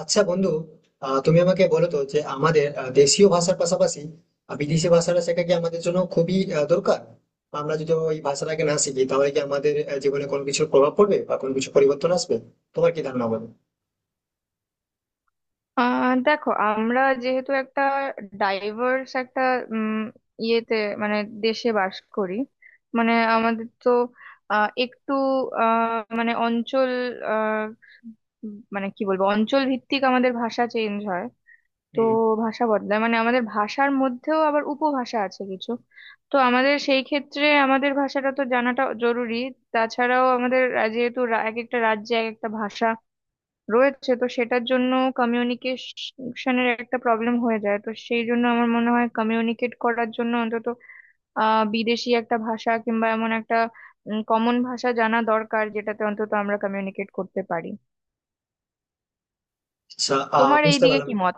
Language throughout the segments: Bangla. আচ্ছা বন্ধু, তুমি আমাকে বলো তো যে আমাদের দেশীয় ভাষার পাশাপাশি বিদেশি ভাষাটা শেখা কি আমাদের জন্য খুবই দরকার? আমরা যদি ওই ভাষাটাকে না শিখি তাহলে কি আমাদের জীবনে কোনো কিছুর প্রভাব পড়বে বা কোনো কিছু পরিবর্তন আসবে? তোমার কি ধারণা বলো। দেখো, আমরা যেহেতু একটা ডাইভার্স একটা উম ইয়েতে মানে দেশে বাস করি। মানে আমাদের তো একটু মানে অঞ্চল, আহ, মানে কি বলবো, অঞ্চল ভিত্তিক আমাদের ভাষা চেঞ্জ হয়। তো হুম। ভাষা বদলায়, মানে আমাদের ভাষার মধ্যেও আবার উপভাষা আছে কিছু। তো আমাদের সেই ক্ষেত্রে আমাদের ভাষাটা তো জানাটা জরুরি। তাছাড়াও যেহেতু এক একটা রাজ্যে এক একটা ভাষা রয়েছে, তো সেটার জন্য কমিউনিকেশনের একটা প্রবলেম হয়ে যায়। তো সেই জন্য আমার মনে হয়, কমিউনিকেট করার জন্য অন্তত বিদেশি একটা ভাষা কিংবা এমন একটা কমন ভাষা জানা দরকার যেটাতে অন্তত আমরা কমিউনিকেট করতে পারি। আচ্ছা, তোমার এই বুঝতে দিকে পারলাম। কি মত?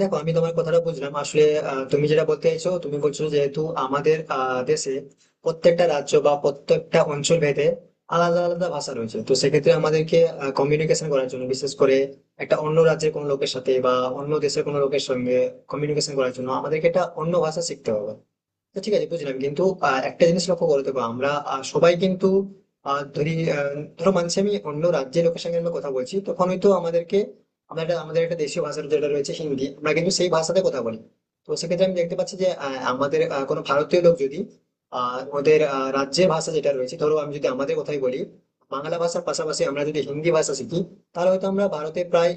দেখো, আমি তোমার কথাটা বুঝলাম আসলে। তুমি যেটা বলতে চাইছো, তুমি বলছো যেহেতু আমাদের দেশে প্রত্যেকটা রাজ্য বা প্রত্যেকটা অঞ্চল ভেদে আলাদা আলাদা ভাষা রয়েছে, তো সেক্ষেত্রে আমাদেরকে কমিউনিকেশন করার জন্য, বিশেষ করে একটা অন্য রাজ্যের কোনো লোকের সাথে বা অন্য দেশের কোনো লোকের সঙ্গে কমিউনিকেশন করার জন্য আমাদেরকে একটা অন্য ভাষা শিখতে হবে। তো ঠিক আছে, বুঝলাম, কিন্তু একটা জিনিস লক্ষ্য করে দেখো, আমরা সবাই কিন্তু আহ, ধরি আহ, ধরো, মানছি আমি অন্য রাজ্যের লোকের সঙ্গে আমরা কথা বলছি, তখন হয়তো আমাদেরকে আমাদের একটা দেশীয় ভাষা যেটা রয়েছে হিন্দি, আমরা কিন্তু সেই ভাষাতে কথা বলি। তো সেক্ষেত্রে আমি দেখতে পাচ্ছি যে আমাদের কোনো ভারতীয় লোক যদি ওদের রাজ্যের ভাষা যেটা রয়েছে, ধরো আমি যদি আমাদের কথাই বলি, বাংলা ভাষার পাশাপাশি আমরা যদি হিন্দি ভাষা শিখি, তাহলে হয়তো আমরা ভারতের প্রায়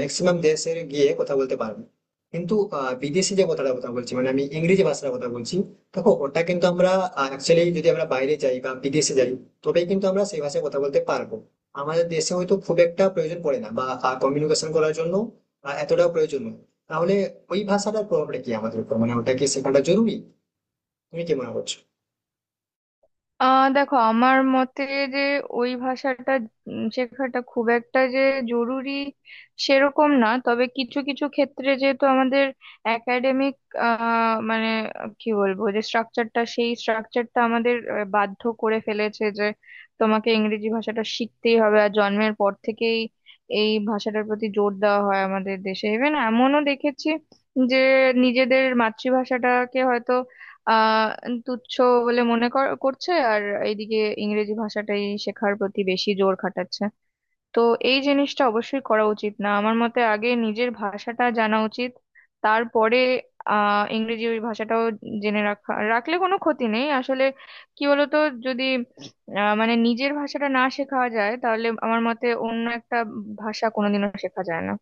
ম্যাক্সিমাম দেশে গিয়ে কথা বলতে পারবো। কিন্তু বিদেশি যে কথাটা কথা বলছি, মানে আমি ইংরেজি ভাষার কথা বলছি, দেখো ওটা কিন্তু আমরা অ্যাকচুয়ালি যদি আমরা বাইরে যাই বা বিদেশে যাই, তবেই কিন্তু আমরা সেই ভাষায় কথা বলতে পারবো। আমাদের দেশে হয়তো খুব একটা প্রয়োজন পড়ে না, বা কমিউনিকেশন করার জন্য এতটাও প্রয়োজন নয়। তাহলে ওই ভাষাটার প্রভাবটা কি আমাদের উপর, মানে ওটা কি শেখাটা জরুরি? তুমি কি মনে করছো? দেখো, আমার মতে যে ওই ভাষাটা শেখাটা খুব একটা যে জরুরি সেরকম না। তবে কিছু কিছু ক্ষেত্রে যেহেতু আমাদের একাডেমিক, মানে কি বলবো, যে স্ট্রাকচারটা, সেই স্ট্রাকচারটা আমাদের বাধ্য করে ফেলেছে যে তোমাকে ইংরেজি ভাষাটা শিখতেই হবে। আর জন্মের পর থেকেই এই ভাষাটার প্রতি জোর দেওয়া হয় আমাদের দেশে। ইভেন এমনও দেখেছি যে নিজেদের মাতৃভাষাটাকে হয়তো আহ তুচ্ছ বলে মনে করছে, আর এইদিকে ইংরেজি ভাষাটাই শেখার প্রতি বেশি জোর খাটাচ্ছে। তো এই জিনিসটা অবশ্যই করা উচিত না। আমার মতে আগে নিজের ভাষাটা জানা উচিত, তারপরে ইংরেজি ওই ভাষাটাও জেনে রাখলে কোনো ক্ষতি নেই আসলে। কি বলতো, যদি মানে নিজের ভাষাটা না শেখা যায় তাহলে আমার মতে অন্য একটা ভাষা কোনোদিনও শেখা যায় না।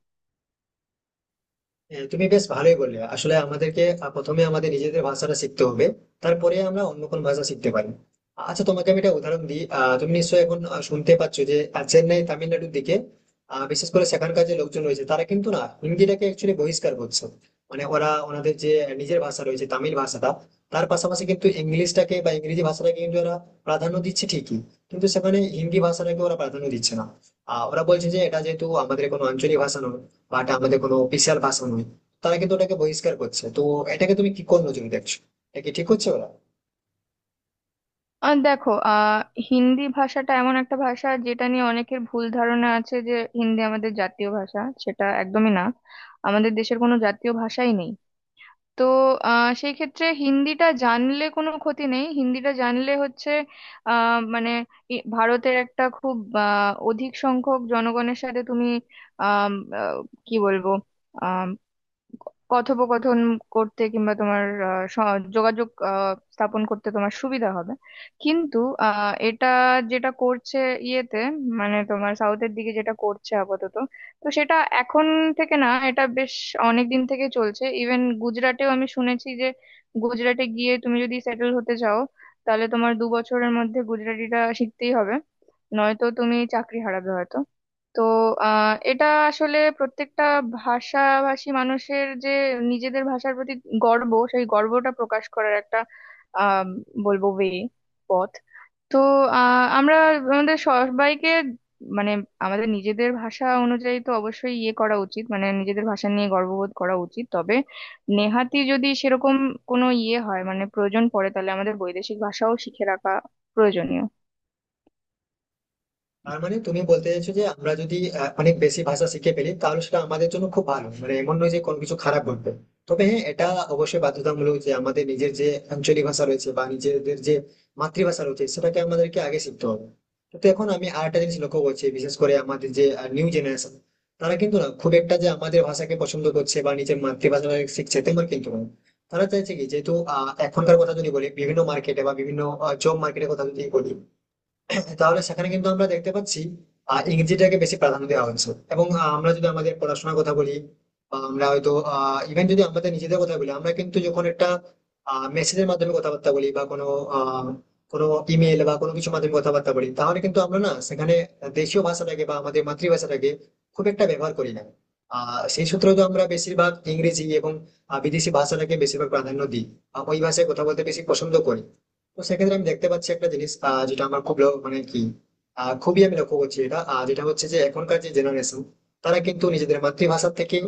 হ্যাঁ, তুমি বেশ ভালোই বললে। আসলে আমাদেরকে প্রথমে আমাদের নিজেদের ভাষাটা শিখতে হবে, তারপরে আমরা অন্য কোন ভাষা শিখতে পারি। আচ্ছা তোমাকে আমি একটা উদাহরণ দিই, তুমি নিশ্চয়ই এখন শুনতে পাচ্ছ যে চেন্নাই তামিলনাড়ুর দিকে বিশেষ করে সেখানকার যে লোকজন রয়েছে, তারা কিন্তু না হিন্দিটাকে অ্যাকচুয়ালি বহিষ্কার করছে। মানে ওরা ওনাদের যে নিজের ভাষা রয়েছে তামিল ভাষাটা, তার পাশাপাশি কিন্তু ইংলিশটাকে বা ইংরেজি ভাষাটাকে কিন্তু ওরা প্রাধান্য দিচ্ছে ঠিকই, কিন্তু সেখানে হিন্দি ভাষাটাকে ওরা প্রাধান্য দিচ্ছে না। ওরা বলছে যে এটা যেহেতু আমাদের কোনো আঞ্চলিক ভাষা নয়, বা এটা আমাদের কোনো অফিসিয়াল ভাষা নয়, তারা কিন্তু ওটাকে বহিষ্কার করছে। তো এটাকে তুমি কি কোন নজরে দেখছো? এটা কি ঠিক হচ্ছে ওরা? আর দেখো, হিন্দি ভাষাটা এমন একটা ভাষা যেটা নিয়ে অনেকের ভুল ধারণা আছে যে হিন্দি আমাদের জাতীয় ভাষা। সেটা একদমই না, আমাদের দেশের কোনো জাতীয় ভাষাই নেই। তো সেই ক্ষেত্রে হিন্দিটা জানলে কোনো ক্ষতি নেই। হিন্দিটা জানলে হচ্ছে মানে ভারতের একটা খুব অধিক সংখ্যক জনগণের সাথে তুমি আম, আহ, কি বলবো, কথোপকথন করতে কিংবা তোমার আহ, স- যোগাযোগ স্থাপন করতে তোমার সুবিধা হবে। কিন্তু এটা যেটা করছে ইয়েতে মানে তোমার সাউথের দিকে যেটা করছে আপাতত, তো সেটা এখন থেকে না, এটা বেশ অনেক দিন থেকে চলছে। ইভেন গুজরাটেও আমি শুনেছি যে গুজরাটে গিয়ে তুমি যদি সেটেল হতে চাও তাহলে তোমার 2 বছরের মধ্যে গুজরাটিটা শিখতেই হবে, নয়তো তুমি চাকরি হারাবে হয়তো। তো এটা আসলে প্রত্যেকটা ভাষাভাষী মানুষের যে নিজেদের ভাষার প্রতি গর্ব, সেই গর্বটা প্রকাশ করার একটা আহ বলবো ওয়ে, পথ। তো আমরা, আমাদের সবাইকে, মানে আমাদের নিজেদের ভাষা অনুযায়ী তো অবশ্যই ইয়ে করা উচিত, মানে নিজেদের ভাষা নিয়ে গর্ববোধ করা উচিত। তবে নেহাতি যদি সেরকম কোনো ইয়ে হয়, মানে প্রয়োজন পড়ে, তাহলে আমাদের বৈদেশিক ভাষাও শিখে রাখা প্রয়োজনীয়। তার মানে তুমি বলতে চাইছো যে আমরা যদি অনেক বেশি ভাষা শিখে ফেলি তাহলে সেটা আমাদের জন্য খুব ভালো, মানে এমন নয় যে কোনো কিছু খারাপ ঘটবে। তবে হ্যাঁ, এটা অবশ্যই বাধ্যতামূলক যে আমাদের নিজের যে আঞ্চলিক ভাষা রয়েছে বা নিজেদের যে মাতৃভাষা রয়েছে, সেটাকে আমাদেরকে আগে শিখতে হবে। তো এখন আমি আর একটা জিনিস লক্ষ্য করছি, বিশেষ করে আমাদের যে নিউ জেনারেশন, তারা কিন্তু না খুব একটা যে আমাদের ভাষাকে পছন্দ করছে বা নিজের মাতৃভাষাকে শিখছে তেমন কিন্তু নয়। তারা চাইছে কি, যেহেতু এখনকার কথা যদি বলি, বিভিন্ন মার্কেটে বা বিভিন্ন জব মার্কেটের কথা যদি বলি, তাহলে সেখানে কিন্তু আমরা দেখতে পাচ্ছি ইংরেজিটাকে বেশি প্রাধান্য দেওয়া হয়েছে। এবং আমরা যদি আমাদের পড়াশোনার কথা বলি, বা আমরা হয়তো ইভেন যদি আমাদের নিজেদের কথা বলি, আমরা কিন্তু যখন একটা মেসেজের মাধ্যমে কথাবার্তা বলি বা কোনো আহ, কোনো ইমেল বা কোনো কিছু মাধ্যমে কথাবার্তা বলি, তাহলে কিন্তু আমরা না সেখানে দেশীয় ভাষাটাকে বা আমাদের মাতৃভাষাটাকে খুব একটা ব্যবহার করি না। সেই সূত্রে তো আমরা বেশিরভাগ ইংরেজি এবং বিদেশি ভাষাটাকে বেশিরভাগ প্রাধান্য দিই, ওই ভাষায় কথা বলতে বেশি পছন্দ করি। তো সেক্ষেত্রে আমি দেখতে পাচ্ছি একটা জিনিস, যেটা আমার খুব মানে কি, খুবই আমি লক্ষ্য করছি এটা, যেটা হচ্ছে যে এখনকার যে জেনারেশন, তারা কিন্তু নিজেদের মাতৃভাষার থেকে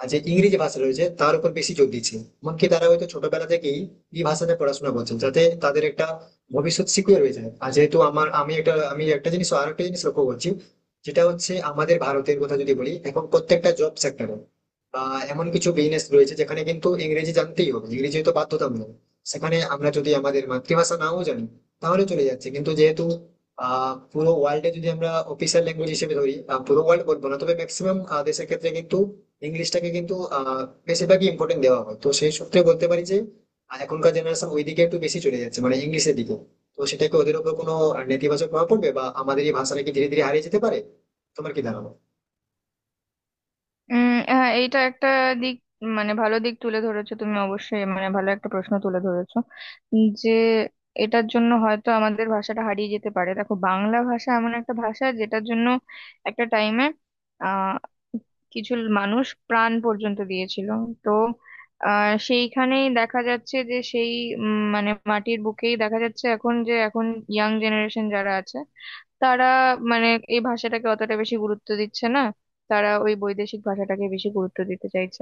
যে ইংরেজি ভাষা রয়েছে তার উপর বেশি জোর দিচ্ছে। এমনকি তারা হয়তো ছোটবেলা থেকেই এই ভাষাতে পড়াশোনা করছেন, যাতে তাদের একটা ভবিষ্যৎ সিকিউর হয়ে যায়। আর যেহেতু আমার আমি একটা আমি একটা জিনিস আর একটা জিনিস লক্ষ্য করছি, যেটা হচ্ছে আমাদের ভারতের কথা যদি বলি, এখন প্রত্যেকটা জব সেক্টরে বা এমন কিছু বিজনেস রয়েছে যেখানে কিন্তু ইংরেজি জানতেই হবে, ইংরেজি তো বাধ্যতামূলক। সেখানে আমরা যদি আমাদের মাতৃভাষা নাও জানি তাহলে চলে যাচ্ছে, কিন্তু যেহেতু পুরো ওয়ার্ল্ডে যদি আমরা অফিসিয়াল ল্যাঙ্গুয়েজ হিসেবে ধরি, পুরো ওয়ার্ল্ড বলবো না তবে ম্যাক্সিমাম দেশের ক্ষেত্রে কিন্তু ইংলিশটাকে কিন্তু বেশিরভাগই ইম্পর্টেন্ট দেওয়া হয়। তো সেই সূত্রে বলতে পারি যে এখনকার জেনারেশন ওইদিকে একটু বেশি চলে যাচ্ছে, মানে ইংলিশের দিকে। তো সেটাকে ওদের উপর কোনো নেতিবাচক প্রভাব পড়বে, বা আমাদের এই ভাষাটা কি ধীরে ধীরে হারিয়ে যেতে পারে? তোমার কি ধারণা? হ্যাঁ, এইটা একটা দিক, মানে ভালো দিক তুলে ধরেছো তুমি। অবশ্যই মানে ভালো একটা প্রশ্ন তুলে ধরেছো। যে এটার জন্য হয়তো আমাদের ভাষাটা হারিয়ে যেতে পারে। দেখো, বাংলা ভাষা এমন একটা ভাষা যেটার জন্য একটা টাইমে আহ কিছু মানুষ প্রাণ পর্যন্ত দিয়েছিল। তো সেইখানেই দেখা যাচ্ছে যে সেই, মানে মাটির বুকেই দেখা যাচ্ছে এখন, যে এখন ইয়াং জেনারেশন যারা আছে তারা মানে এই ভাষাটাকে অতটা বেশি গুরুত্ব দিচ্ছে না, তারা ওই বৈদেশিক ভাষাটাকে বেশি গুরুত্ব দিতে চাইছে।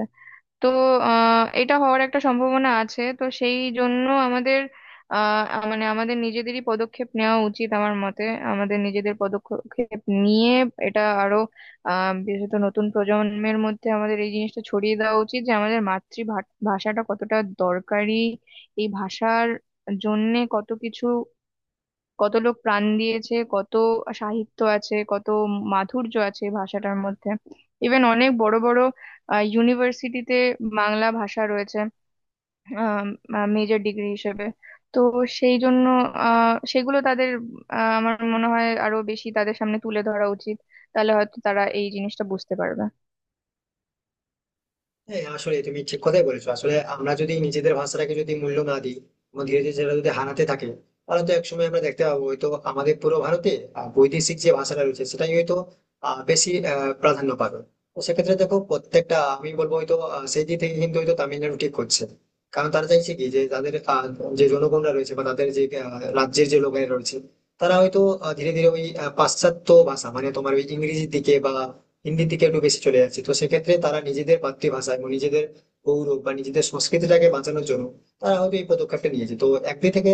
তো এটা হওয়ার একটা সম্ভাবনা আছে। তো সেই জন্য আমাদের মানে আমাদের নিজেদেরই পদক্ষেপ নেওয়া উচিত আমার মতে। আমাদের নিজেদের পদক্ষেপ নিয়ে এটা আরো বিশেষত নতুন প্রজন্মের মধ্যে আমাদের এই জিনিসটা ছড়িয়ে দেওয়া উচিত, যে আমাদের মাতৃভাষাটা কতটা দরকারি, এই ভাষার জন্যে কত কিছু, কত লোক প্রাণ দিয়েছে, কত সাহিত্য আছে, কত মাধুর্য আছে এই ভাষাটার মধ্যে। ইভেন অনেক বড় বড় ইউনিভার্সিটিতে বাংলা ভাষা রয়েছে মেজর ডিগ্রি হিসেবে। তো সেই জন্য সেগুলো তাদের, আমার মনে হয় আরো বেশি তাদের সামনে তুলে ধরা উচিত। তাহলে হয়তো তারা এই জিনিসটা বুঝতে পারবে। হ্যাঁ, আসলে তুমি ঠিক কথাই বলেছো। আসলে আমরা যদি নিজেদের ভাষাটাকে যদি মূল্য না দিই এবং ধীরে ধীরে সেটা যদি হারাতে থাকে, তাহলে তো একসময় আমরা দেখতে পাবো হয়তো আমাদের পুরো ভারতে বৈদেশিক যে ভাষাটা রয়েছে সেটাই হয়তো বেশি প্রাধান্য পাবে। তো সেক্ষেত্রে দেখো, প্রত্যেকটা আমি বলবো হয়তো সেই দিক থেকে কিন্তু হয়তো তামিলনাড়ু ঠিক করছে, কারণ তারা চাইছে কি যে তাদের যে জনগণরা রয়েছে বা তাদের যে রাজ্যের যে লোকেরা রয়েছে, তারা হয়তো ধীরে ধীরে ওই পাশ্চাত্য ভাষা মানে তোমার ওই ইংরেজির দিকে বা হিন্দির দিকে একটু বেশি চলে যাচ্ছে। তো সেক্ষেত্রে তারা নিজেদের মাতৃভাষা এবং নিজেদের গৌরব বা নিজেদের সংস্কৃতিটাকে বাঁচানোর জন্য তারা হয়তো এই পদক্ষেপটা নিয়েছে। তো একদিক থেকে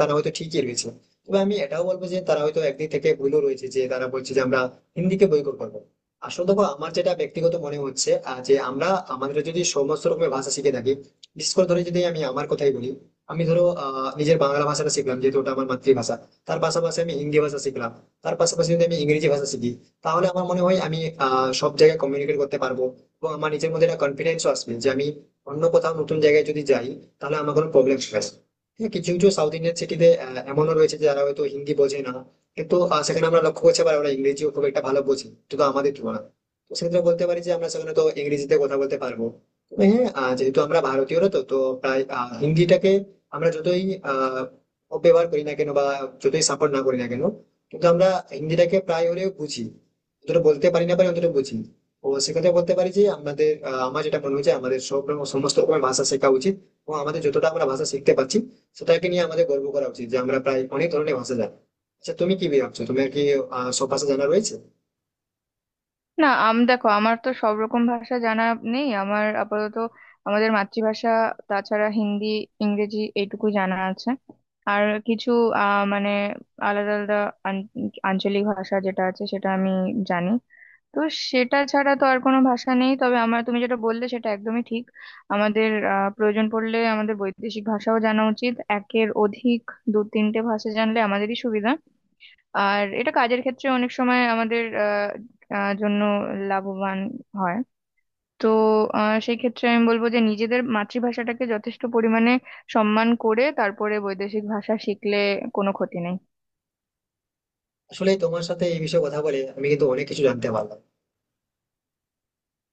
তারা হয়তো ঠিকই রয়েছে, তবে আমি এটাও বলবো যে তারা হয়তো একদিক থেকে ভুলও রয়েছে, যে তারা বলছে যে আমরা হিন্দিকে বয়কট করবো। আসলে দেখো, আমার যেটা ব্যক্তিগত মনে হচ্ছে যে আমরা আমাদের যদি সমস্ত রকমের ভাষা শিখে থাকি, বিশেষ করে ধরে যদি আমি আমার কথাই বলি, আমি ধরো নিজের বাংলা ভাষাটা শিখলাম যেহেতু ওটা আমার মাতৃভাষা, তার পাশাপাশি আমি হিন্দি ভাষা শিখলাম, তার পাশাপাশি যদি আমি ইংরেজি ভাষা শিখি, তাহলে আমার মনে হয় আমি সব জায়গায় কমিউনিকেট করতে পারবো। এবং আমার নিজের মধ্যে একটা কনফিডেন্সও আসবে যে আমি অন্য কোথাও নতুন জায়গায় যদি যাই তাহলে আমার কোনো প্রবলেম হবে না। হ্যাঁ, কিছু কিছু সাউথ ইন্ডিয়ান সিটিতে এমনও রয়েছে যে যারা হয়তো হিন্দি বোঝে না, কিন্তু সেখানে আমরা লক্ষ্য করছি আবার ওরা ইংরেজিও খুব একটা ভালো বোঝে শুধু আমাদের তুলনায়। তো সেক্ষেত্রে বলতে পারি যে আমরা সেখানে তো ইংরেজিতে কথা বলতে পারবো। তবে হ্যাঁ, যেহেতু আমরা ভারতীয়রা, তো তো প্রায় হিন্দিটাকে আমরা যতই আহ অপব্যবহার করি না কেন, বা যতই সাপোর্ট না করি না কেন, কিন্তু আমরা হিন্দিটাকে প্রায় হলেও বুঝি। অতটা বলতে পারি না, পারি অতটা বুঝি। ও সেক্ষেত্রে বলতে পারি যে আমাদের, আমার যেটা মনে হচ্ছে আমাদের সব রকম সমস্ত রকমের ভাষা শেখা উচিত, এবং আমাদের যতটা আমরা ভাষা শিখতে পারছি সেটাকে নিয়ে আমাদের গর্ব করা উচিত যে আমরা প্রায় অনেক ধরনের ভাষা জানি। আচ্ছা তুমি কি ভাবছো, তোমার কি সব ভাষা জানা রয়েছে? না, দেখো, আমার তো সব রকম ভাষা জানা নেই। আমার আপাতত আমাদের মাতৃভাষা, তাছাড়া হিন্দি, ইংরেজি এইটুকু জানা আছে। আর কিছু মানে আলাদা আলাদা আন- আঞ্চলিক ভাষা যেটা আছে সেটা আমি জানি। তো সেটা ছাড়া তো আর কোনো ভাষা নেই। তবে আমার, তুমি যেটা বললে সেটা একদমই ঠিক, আমাদের প্রয়োজন পড়লে আমাদের বৈদেশিক ভাষাও জানা উচিত একের অধিক। 2-3টে ভাষা জানলে আমাদেরই সুবিধা, আর এটা কাজের ক্ষেত্রে অনেক সময় আমাদের আহ, আহ, জন্য লাভবান হয়। তো সেই ক্ষেত্রে আমি বলবো যে নিজেদের মাতৃভাষাটাকে যথেষ্ট পরিমাণে সম্মান করে তারপরে বৈদেশিক ভাষা শিখলে কোনো ক্ষতি নেই। আসলে তোমার সাথে এই বিষয়ে কথা বলে আমি কিন্তু অনেক কিছু জানতে পারলাম।